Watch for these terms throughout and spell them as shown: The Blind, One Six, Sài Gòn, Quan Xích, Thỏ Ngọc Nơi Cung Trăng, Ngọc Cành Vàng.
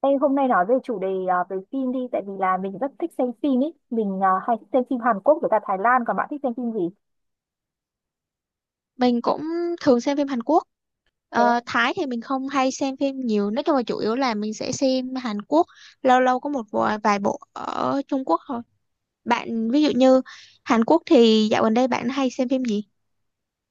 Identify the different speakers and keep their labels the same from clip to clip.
Speaker 1: Ê, hôm nay nói về chủ đề về phim đi tại vì là mình rất thích xem phim ý, mình hay thích xem phim Hàn Quốc với cả Thái Lan, còn bạn thích xem phim gì?
Speaker 2: Mình cũng thường xem phim Hàn Quốc.
Speaker 1: Thế
Speaker 2: Thái thì mình không hay xem phim nhiều, nói chung là chủ yếu là mình sẽ xem Hàn Quốc, lâu lâu có một vài bộ ở Trung Quốc thôi. Bạn ví dụ như Hàn Quốc thì dạo gần đây bạn hay xem phim gì?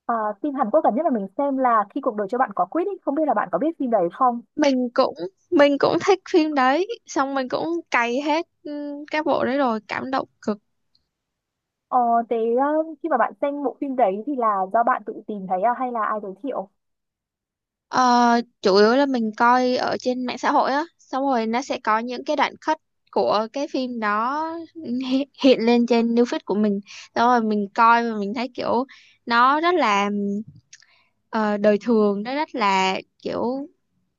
Speaker 1: à, phim Hàn Quốc gần nhất là mình xem là Khi Cuộc Đời Cho Bạn Có Quýt ý, không biết là bạn có biết phim đấy không?
Speaker 2: Mình cũng mình cũng thích phim đấy, xong mình cũng cày hết các bộ đấy rồi, cảm động cực.
Speaker 1: ờ, Thế khi mà bạn xem bộ phim đấy thì là do bạn tự tìm thấy, hay là ai giới thiệu?
Speaker 2: Ờ, Chủ yếu là mình coi ở trên mạng xã hội á, xong rồi nó sẽ có những cái đoạn cut của cái phim đó. Hiện lên trên new feed của mình, xong rồi mình coi và mình thấy kiểu nó rất là ờ, đời thường, nó rất là kiểu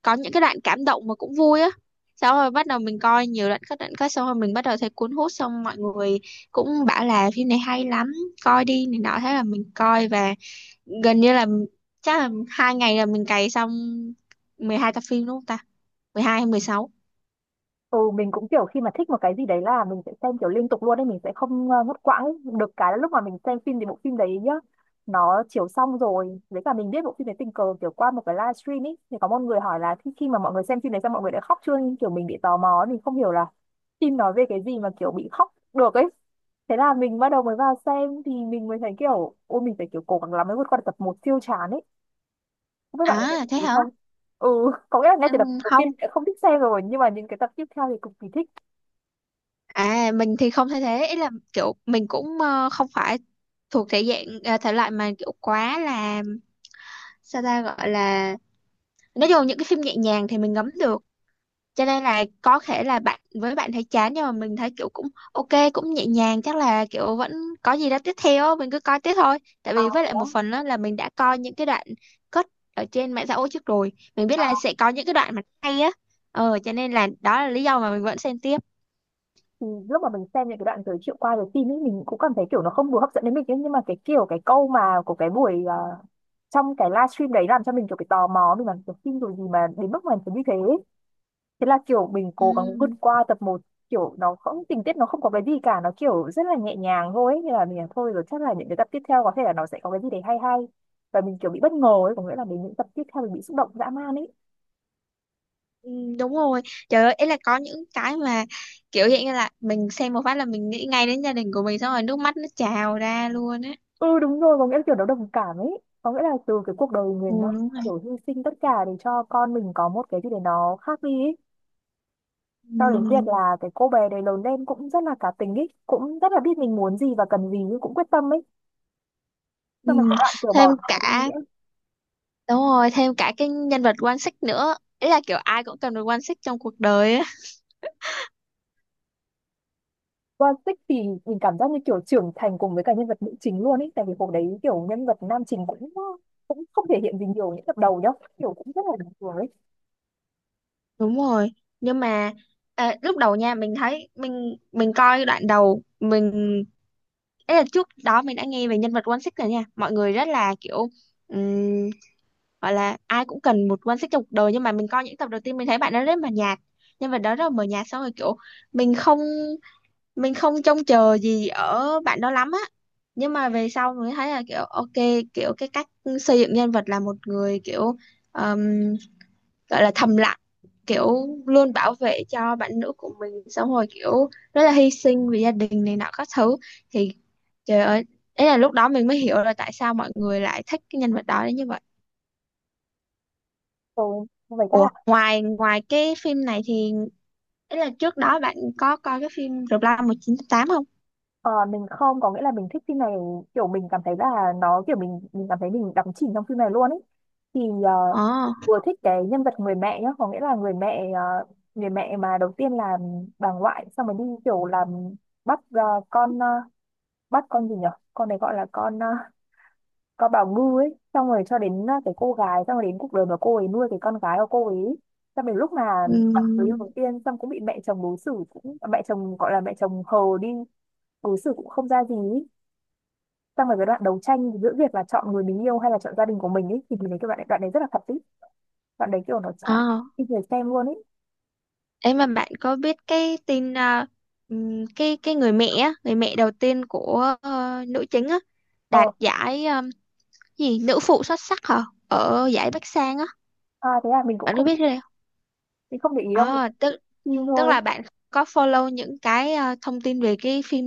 Speaker 2: có những cái đoạn cảm động mà cũng vui á. Xong rồi bắt đầu mình coi nhiều đoạn cut xong rồi mình bắt đầu thấy cuốn hút, xong mọi người cũng bảo là phim này hay lắm, coi đi này nọ, thế là mình coi và gần như là chắc là 2 ngày là mình cày xong 12 tập phim. Đúng không ta, 12 hay 16?
Speaker 1: Ừ, mình cũng kiểu khi mà thích một cái gì đấy là mình sẽ xem kiểu liên tục luôn ấy, mình sẽ không ngắt quãng ấy. Được cái là lúc mà mình xem phim thì bộ phim đấy nhá, nó chiếu xong rồi, với cả mình biết bộ phim đấy tình cờ kiểu qua một cái livestream ấy, thì có một người hỏi là khi mà mọi người xem phim đấy xong mọi người đã khóc chưa, nhưng kiểu mình bị tò mò ấy, mình không hiểu là phim nói về cái gì mà kiểu bị khóc được ấy. Thế là mình bắt đầu mới vào xem thì mình mới thấy kiểu, ôi mình phải kiểu cố gắng lắm mới vượt qua được tập một siêu chán ấy. Với bạn có thấy
Speaker 2: À, thế
Speaker 1: thế
Speaker 2: hả.
Speaker 1: không? Ừ, có nghĩa là ngay
Speaker 2: Ừ,
Speaker 1: từ tập đầu
Speaker 2: không.
Speaker 1: tiên đã không thích xem rồi nhưng mà những cái tập tiếp theo thì cực kỳ thích.
Speaker 2: À, mình thì không thể thế, ý là kiểu mình cũng không phải thuộc thể dạng thể loại mà kiểu quá là, sao ta gọi là, nói chung là những cái phim nhẹ nhàng thì mình ngấm được, cho nên là có thể là bạn với bạn thấy chán nhưng mà mình thấy kiểu cũng ok, cũng nhẹ nhàng, chắc là kiểu vẫn có gì đó tiếp theo á, mình cứ coi tiếp thôi tại
Speaker 1: À,
Speaker 2: vì với
Speaker 1: thế
Speaker 2: lại một
Speaker 1: đó,
Speaker 2: phần đó là mình đã coi những cái đoạn cut ở trên mạng xã hội trước rồi, mình biết
Speaker 1: à,
Speaker 2: là sẽ có những cái đoạn mà hay á, cho nên là đó là lý do mà mình vẫn xem tiếp.
Speaker 1: thì lúc mà mình xem những cái đoạn giới thiệu qua về phim ấy mình cũng cảm thấy kiểu nó không vừa hấp dẫn đến mình ấy. Nhưng mà cái kiểu cái câu mà của cái buổi trong cái livestream đấy làm cho mình kiểu cái tò mò, mình bảo kiểu phim rồi gì mà đến mức mà phải như thế ấy. Thế là kiểu mình cố gắng vượt
Speaker 2: Ừm,
Speaker 1: qua tập một, kiểu nó không tình tiết, nó không có cái gì cả, nó kiểu rất là nhẹ nhàng thôi ấy. Nên là mình là thôi rồi chắc là những cái tập tiếp theo có thể là nó sẽ có cái gì đấy hay hay, và mình kiểu bị bất ngờ ấy, có nghĩa là đến những tập tiếp theo mình bị xúc động dã man ấy.
Speaker 2: đúng rồi. Trời ơi, ấy là có những cái mà kiểu hiện như là mình xem một phát là mình nghĩ ngay đến gia đình của mình, xong rồi nước mắt nó trào ra luôn á.
Speaker 1: Ừ đúng rồi, có nghĩa là kiểu nó đồng cảm ấy, có nghĩa là từ cái cuộc đời
Speaker 2: Ừ,
Speaker 1: mình nó
Speaker 2: đúng rồi.
Speaker 1: kiểu hy sinh tất cả để cho con mình có một cái gì để nó khác đi ấy, cho đến việc
Speaker 2: Ừm,
Speaker 1: là cái cô bé đấy lớn lên cũng rất là cá tính ấy, cũng rất là biết mình muốn gì và cần gì, nhưng cũng quyết tâm ấy. Xong mà
Speaker 2: ừm.
Speaker 1: các bạn kiểu
Speaker 2: Thêm
Speaker 1: bỏ nhà đi
Speaker 2: cả
Speaker 1: nghĩa
Speaker 2: Đúng rồi, thêm cả cái nhân vật Quan Xích nữa. Ý là kiểu ai cũng cần được Quan Xích trong cuộc đời á.
Speaker 1: qua tích thì mình cảm giác như kiểu trưởng thành cùng với cả nhân vật nữ chính luôn ấy, tại vì hồi đấy kiểu nhân vật nam chính cũng cũng không thể hiện gì nhiều những tập đầu nhá, kiểu cũng rất là bình thường ấy.
Speaker 2: Đúng rồi, nhưng mà lúc đầu nha mình thấy mình coi đoạn đầu mình, ấy là trước đó mình đã nghe về nhân vật One Six này nha. Mọi người rất là kiểu ừm, gọi là ai cũng cần một One Six trong cuộc đời, nhưng mà mình coi những tập đầu tiên mình thấy bạn đó rất mờ nhạt. Nhân vật đó rất là mờ nhạt, xong rồi kiểu mình không mình không trông chờ gì ở bạn đó lắm á, nhưng mà về sau mới thấy là kiểu ok, kiểu cái cách xây dựng nhân vật là một người kiểu um, gọi là thầm lặng, kiểu luôn bảo vệ cho bạn nữ của mình, xong rồi kiểu rất là hy sinh vì gia đình này nọ các thứ, thì trời ơi, ấy là lúc đó mình mới hiểu là tại sao mọi người lại thích cái nhân vật đó đến như vậy.
Speaker 1: Ừ, vậy ra
Speaker 2: Ủa, ngoài ngoài cái phim này thì, ấy là trước đó bạn có coi cái phim The Blind 1980?
Speaker 1: ờ, mình không, có nghĩa là mình thích phim này, kiểu mình cảm thấy là nó kiểu, mình cảm thấy mình đắm chìm trong phim này luôn ấy. Thì
Speaker 2: ờ
Speaker 1: vừa thích cái nhân vật người mẹ nhá, có nghĩa là người mẹ, người mẹ mà đầu tiên là bà ngoại, xong rồi đi kiểu làm bắt, con, bắt con gì nhở, con này gọi là con, con bảo ngư ấy, xong rồi cho đến cái cô gái, xong rồi đến cuộc đời mà cô ấy nuôi cái con gái của cô ấy, xong đến lúc mà gặp người yêu
Speaker 2: ừm,
Speaker 1: đầu tiên, xong cũng bị mẹ chồng đối xử, cũng mẹ chồng gọi là mẹ chồng hờ đi, đối xử cũng không ra gì ý. Xong rồi cái đoạn đấu tranh giữa việc là chọn người mình yêu hay là chọn gia đình của mình ấy thì mình thấy cái đoạn đấy rất là thật ý, đoạn đấy kiểu nó chạm
Speaker 2: Ờ,
Speaker 1: khi người xem luôn ấy.
Speaker 2: Ấy mà bạn có biết cái tin cái người mẹ á, người mẹ đầu tiên của nữ chính á, đạt
Speaker 1: Ờ
Speaker 2: giải gì nữ phụ xuất sắc hả, ở giải Bắc Sang á,
Speaker 1: à, thế à, mình cũng
Speaker 2: bạn có
Speaker 1: không,
Speaker 2: biết cái này không?
Speaker 1: mình không để ý đâu, mình
Speaker 2: Ờ, tức
Speaker 1: xem phim
Speaker 2: tức
Speaker 1: thôi.
Speaker 2: là bạn có follow những cái thông tin về cái phim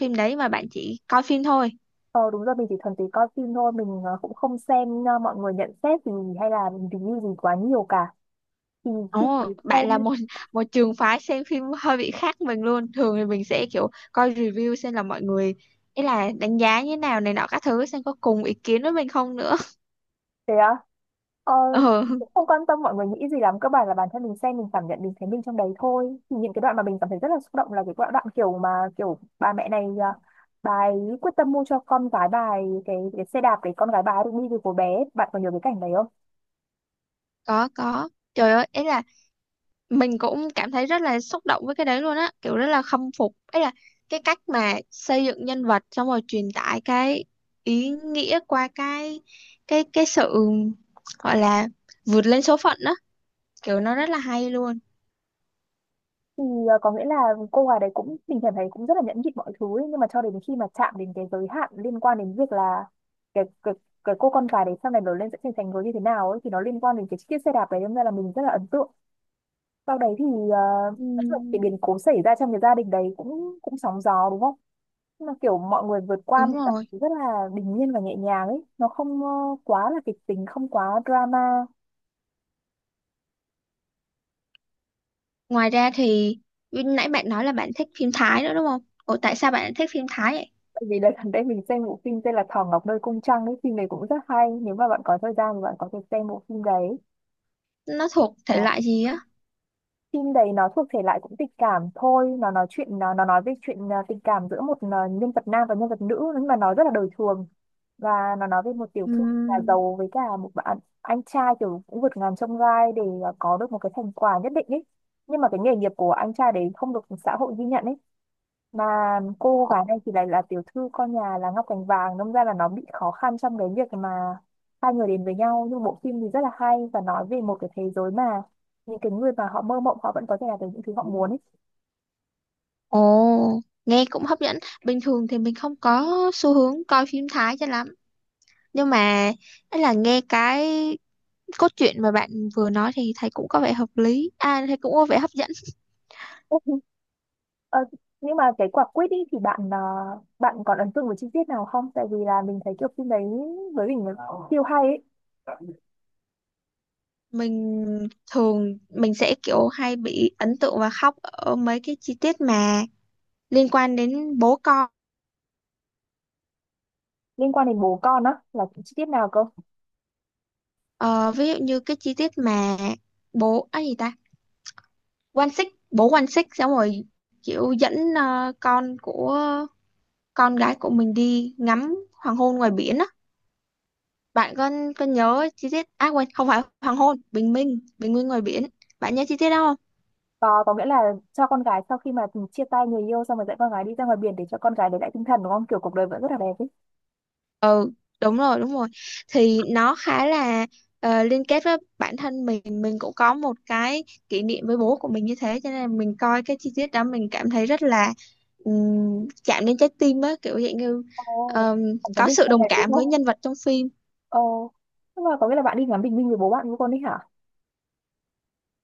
Speaker 2: phim đấy mà bạn chỉ coi phim thôi.
Speaker 1: Ờ đúng rồi, mình chỉ thuần túy coi phim thôi, mình cũng không xem mọi người nhận xét gì hay là review gì quá nhiều cả. Thì khi
Speaker 2: Ồ,
Speaker 1: mình
Speaker 2: bạn là
Speaker 1: xem,
Speaker 2: một một trường phái xem phim hơi bị khác mình luôn. Thường thì mình sẽ kiểu coi review xem là mọi người, ý là đánh giá như thế nào này nọ các thứ, xem có cùng ý kiến với mình không nữa.
Speaker 1: thế á, ờ,
Speaker 2: Ờ,
Speaker 1: cũng không quan tâm mọi người nghĩ gì lắm, cơ bản là bản thân mình xem mình cảm nhận, mình thấy mình trong đấy thôi. Thì những cái đoạn mà mình cảm thấy rất là xúc động là cái đoạn, đoạn kiểu mà kiểu bà mẹ này bà ấy quyết tâm mua cho con gái bà ấy cái xe đạp để con gái bà ấy được đi từ của bé, bạn có nhớ cái cảnh đấy không?
Speaker 2: có có. Trời ơi, ấy là mình cũng cảm thấy rất là xúc động với cái đấy luôn á, kiểu rất là khâm phục. Ấy là cái cách mà xây dựng nhân vật xong rồi truyền tải cái ý nghĩa qua cái cái sự, gọi là, vượt lên số phận đó, kiểu nó rất là hay luôn.
Speaker 1: Thì có nghĩa là cô gái đấy cũng, mình cảm thấy cũng rất là nhẫn nhịn mọi thứ ấy, nhưng mà cho đến khi mà chạm đến cái giới hạn liên quan đến việc là cái cái cô con gái đấy sau này lớn lên sẽ thành thành người như thế nào ấy, thì nó liên quan đến cái chiếc xe đạp đấy, nên là mình rất là ấn tượng. Sau đấy thì ờ,
Speaker 2: Ừ,
Speaker 1: nói chung là cái biến cố xảy ra trong cái gia đình đấy cũng cũng sóng gió đúng không, nhưng mà kiểu mọi người vượt qua
Speaker 2: đúng
Speaker 1: một cách
Speaker 2: rồi.
Speaker 1: rất là bình yên và nhẹ nhàng ấy, nó không quá là kịch tính, không quá drama.
Speaker 2: Ngoài ra thì nãy bạn nói là bạn thích phim Thái nữa đúng không? Ủa tại sao bạn lại thích phim Thái vậy?
Speaker 1: Tại vì đợt gần đây mình xem bộ phim tên là Thỏ Ngọc Nơi Cung Trăng ấy, phim này cũng rất hay, nếu mà bạn có thời gian thì bạn có thể xem bộ phim đấy.
Speaker 2: Nó thuộc thể loại gì á?
Speaker 1: Phim đấy nó thuộc thể loại cũng tình cảm thôi, nó nói chuyện, nó nói về chuyện, tình cảm giữa một, nhân vật nam và nhân vật nữ, nhưng mà nó rất là đời thường. Và nó nói về một tiểu
Speaker 2: Ừ.
Speaker 1: thư nhà giàu với cả một bạn anh trai, kiểu cũng vượt ngàn chông gai để có được một cái thành quả nhất định ấy. Nhưng mà cái nghề nghiệp của anh trai đấy không được xã hội ghi nhận ấy, mà cô gái này thì lại là tiểu thư con nhà là Ngọc Cành Vàng, đâm ra là nó bị khó khăn trong cái việc mà hai người đến với nhau. Nhưng bộ phim thì rất là hay và nói về một cái thế giới mà những cái người mà họ mơ mộng họ vẫn có thể làm được những thứ họ muốn ấy.
Speaker 2: Ồ, nghe cũng hấp dẫn. Bình thường thì mình không có xu hướng coi phim Thái cho lắm. Nhưng mà, ấy là nghe cái cốt truyện mà bạn vừa nói thì thấy cũng có vẻ hợp lý. À, thấy cũng có vẻ hấp dẫn.
Speaker 1: Ủa, ờ, nhưng mà cái quả quýt ấy thì bạn bạn còn ấn tượng với chi tiết nào không? Tại vì là mình thấy kiểu phim đấy với mình là siêu hay ấy.
Speaker 2: Mình Thường mình sẽ kiểu hay bị ấn tượng và khóc ở mấy cái chi tiết mà liên quan đến bố con.
Speaker 1: Liên quan đến bố con á là chi tiết nào cơ?
Speaker 2: Ờ, Ví dụ như cái chi tiết mà bố, á gì ta? Quan Xích, bố Quan Xích xong rồi kiểu dẫn con gái của mình đi ngắm hoàng hôn ngoài biển á, bạn có nhớ chi tiết, à quên, không phải hoàng hôn, bình minh, bình minh ngoài biển, bạn nhớ chi tiết đó không?
Speaker 1: Có nghĩa là cho con gái sau khi mà chia tay người yêu, xong rồi dẫn con gái đi ra ngoài biển để cho con gái đấy lại tinh thần đúng không? Kiểu cuộc đời vẫn rất là đẹp ấy.
Speaker 2: Ừ, đúng rồi, đúng rồi, thì nó khá là liên kết với bản thân mình cũng có một cái kỷ niệm với bố của mình như thế, cho nên là mình coi cái chi tiết đó mình cảm thấy rất là chạm đến trái tim á, kiểu dạng như
Speaker 1: Ồ,
Speaker 2: ờm,
Speaker 1: bạn có
Speaker 2: có
Speaker 1: biết
Speaker 2: sự
Speaker 1: con
Speaker 2: đồng
Speaker 1: này đúng
Speaker 2: cảm
Speaker 1: không?
Speaker 2: với nhân vật trong phim.
Speaker 1: Ồ, nhưng mà có nghĩa là bạn đi ngắm bình minh với bố bạn với con đấy hả?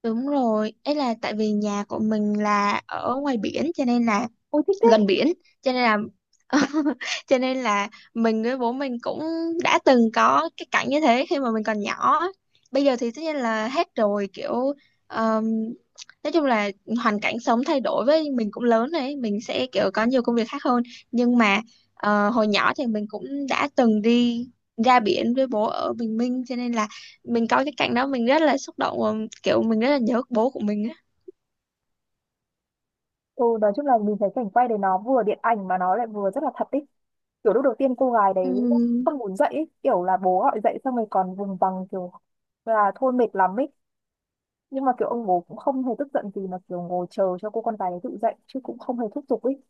Speaker 2: Đúng rồi, ấy là tại vì nhà của mình là ở ngoài biển cho nên là
Speaker 1: Ôi thích
Speaker 2: gần
Speaker 1: thế.
Speaker 2: biển, cho nên là cho nên là mình với bố mình cũng đã từng có cái cảnh như thế khi mà mình còn nhỏ á. Bây giờ thì tất nhiên là hết rồi, kiểu um, nói chung là hoàn cảnh sống thay đổi, với mình cũng lớn đấy, mình sẽ kiểu có nhiều công việc khác hơn, nhưng mà hồi nhỏ thì mình cũng đã từng đi ra biển với bố ở Bình Minh, cho nên là mình có cái cảnh đó mình rất là xúc động và kiểu mình rất là nhớ bố của mình á.
Speaker 1: Ừ, nói chung là mình thấy cảnh quay đấy nó vừa điện ảnh mà nó lại vừa rất là thật ấy. Kiểu lúc đầu tiên cô gái đấy
Speaker 2: Ừ.
Speaker 1: không muốn dậy ấy. Kiểu là bố gọi dậy xong rồi còn vùng vằng kiểu là thôi mệt lắm ấy. Nhưng mà kiểu ông bố cũng không hề tức giận gì mà kiểu ngồi chờ cho cô con gái đấy tự dậy chứ cũng không hề thúc giục ấy.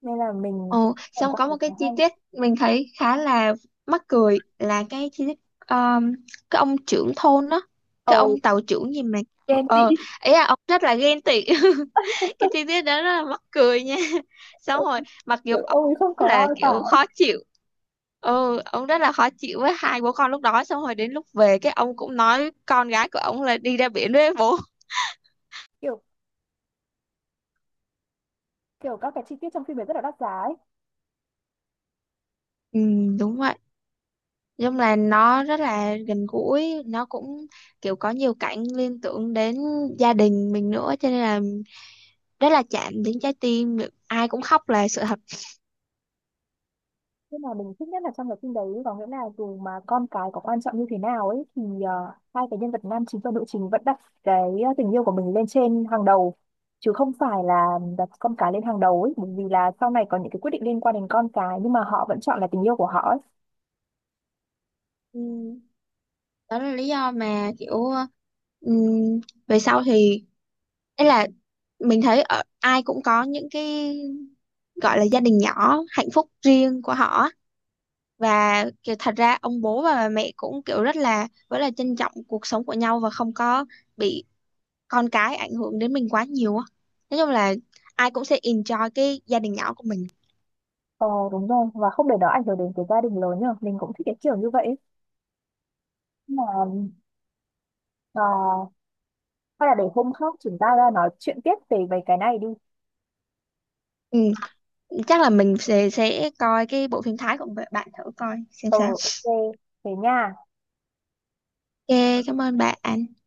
Speaker 1: Nên là mình cũng
Speaker 2: Ồ,
Speaker 1: cảm
Speaker 2: xong
Speaker 1: quan
Speaker 2: có
Speaker 1: thấy
Speaker 2: một
Speaker 1: khá
Speaker 2: cái
Speaker 1: hay.
Speaker 2: chi tiết mình thấy khá là mắc cười là cái chi tiết, um, cái ông trưởng thôn đó, cái
Speaker 1: Ồ,
Speaker 2: ông tàu trưởng gì mà,
Speaker 1: ghen tị.
Speaker 2: ờ ý là ông rất là ghen tị. Cái chi tiết đó rất là mắc cười nha. Xong rồi mặc dù
Speaker 1: Kiểu
Speaker 2: ông
Speaker 1: ôi không có
Speaker 2: là
Speaker 1: ai cả
Speaker 2: kiểu
Speaker 1: ấy.
Speaker 2: khó chịu. Ừ, ông rất là khó chịu với hai bố con lúc đó, xong rồi đến lúc về cái ông cũng nói con gái của ông là đi ra biển với bố.
Speaker 1: Kiểu, kiểu các cái chi tiết trong phim ấy rất là đắt giá ấy.
Speaker 2: Ừ, đúng vậy. Nói chung là nó rất là gần gũi, nó cũng kiểu có nhiều cảnh liên tưởng đến gia đình mình nữa, cho nên là rất là chạm đến trái tim, ai cũng khóc là sự thật.
Speaker 1: Nhưng mà mình thích nhất là trong cái phim đấy có nghĩa là dù mà con cái có quan trọng như thế nào ấy thì hai cái nhân vật nam chính và nữ chính vẫn đặt cái tình yêu của mình lên trên hàng đầu, chứ không phải là đặt con cái lên hàng đầu ấy, bởi vì là sau này có những cái quyết định liên quan đến con cái nhưng mà họ vẫn chọn là tình yêu của họ ấy.
Speaker 2: Ừ, đó là lý do mà kiểu, ừm, về sau thì, ấy là mình thấy ở ai cũng có những cái gọi là gia đình nhỏ hạnh phúc riêng của họ, và kiểu thật ra ông bố và bà mẹ cũng kiểu rất là trân trọng cuộc sống của nhau và không có bị con cái ảnh hưởng đến mình quá nhiều á, nói chung là ai cũng sẽ enjoy cái gia đình nhỏ của mình.
Speaker 1: Ờ đúng rồi, và không để nó ảnh hưởng đến cái gia đình lớn nhờ, mình cũng thích cái kiểu như vậy ấy. Nhưng mà ờ, hay là để hôm khác chúng ta ra nói chuyện tiếp về về cái này đi.
Speaker 2: Ừ, chắc là mình sẽ coi cái bộ phim Thái của bạn thử coi xem
Speaker 1: Ờ,
Speaker 2: sao.
Speaker 1: ok. Thế nha.
Speaker 2: Ok, cảm ơn bạn.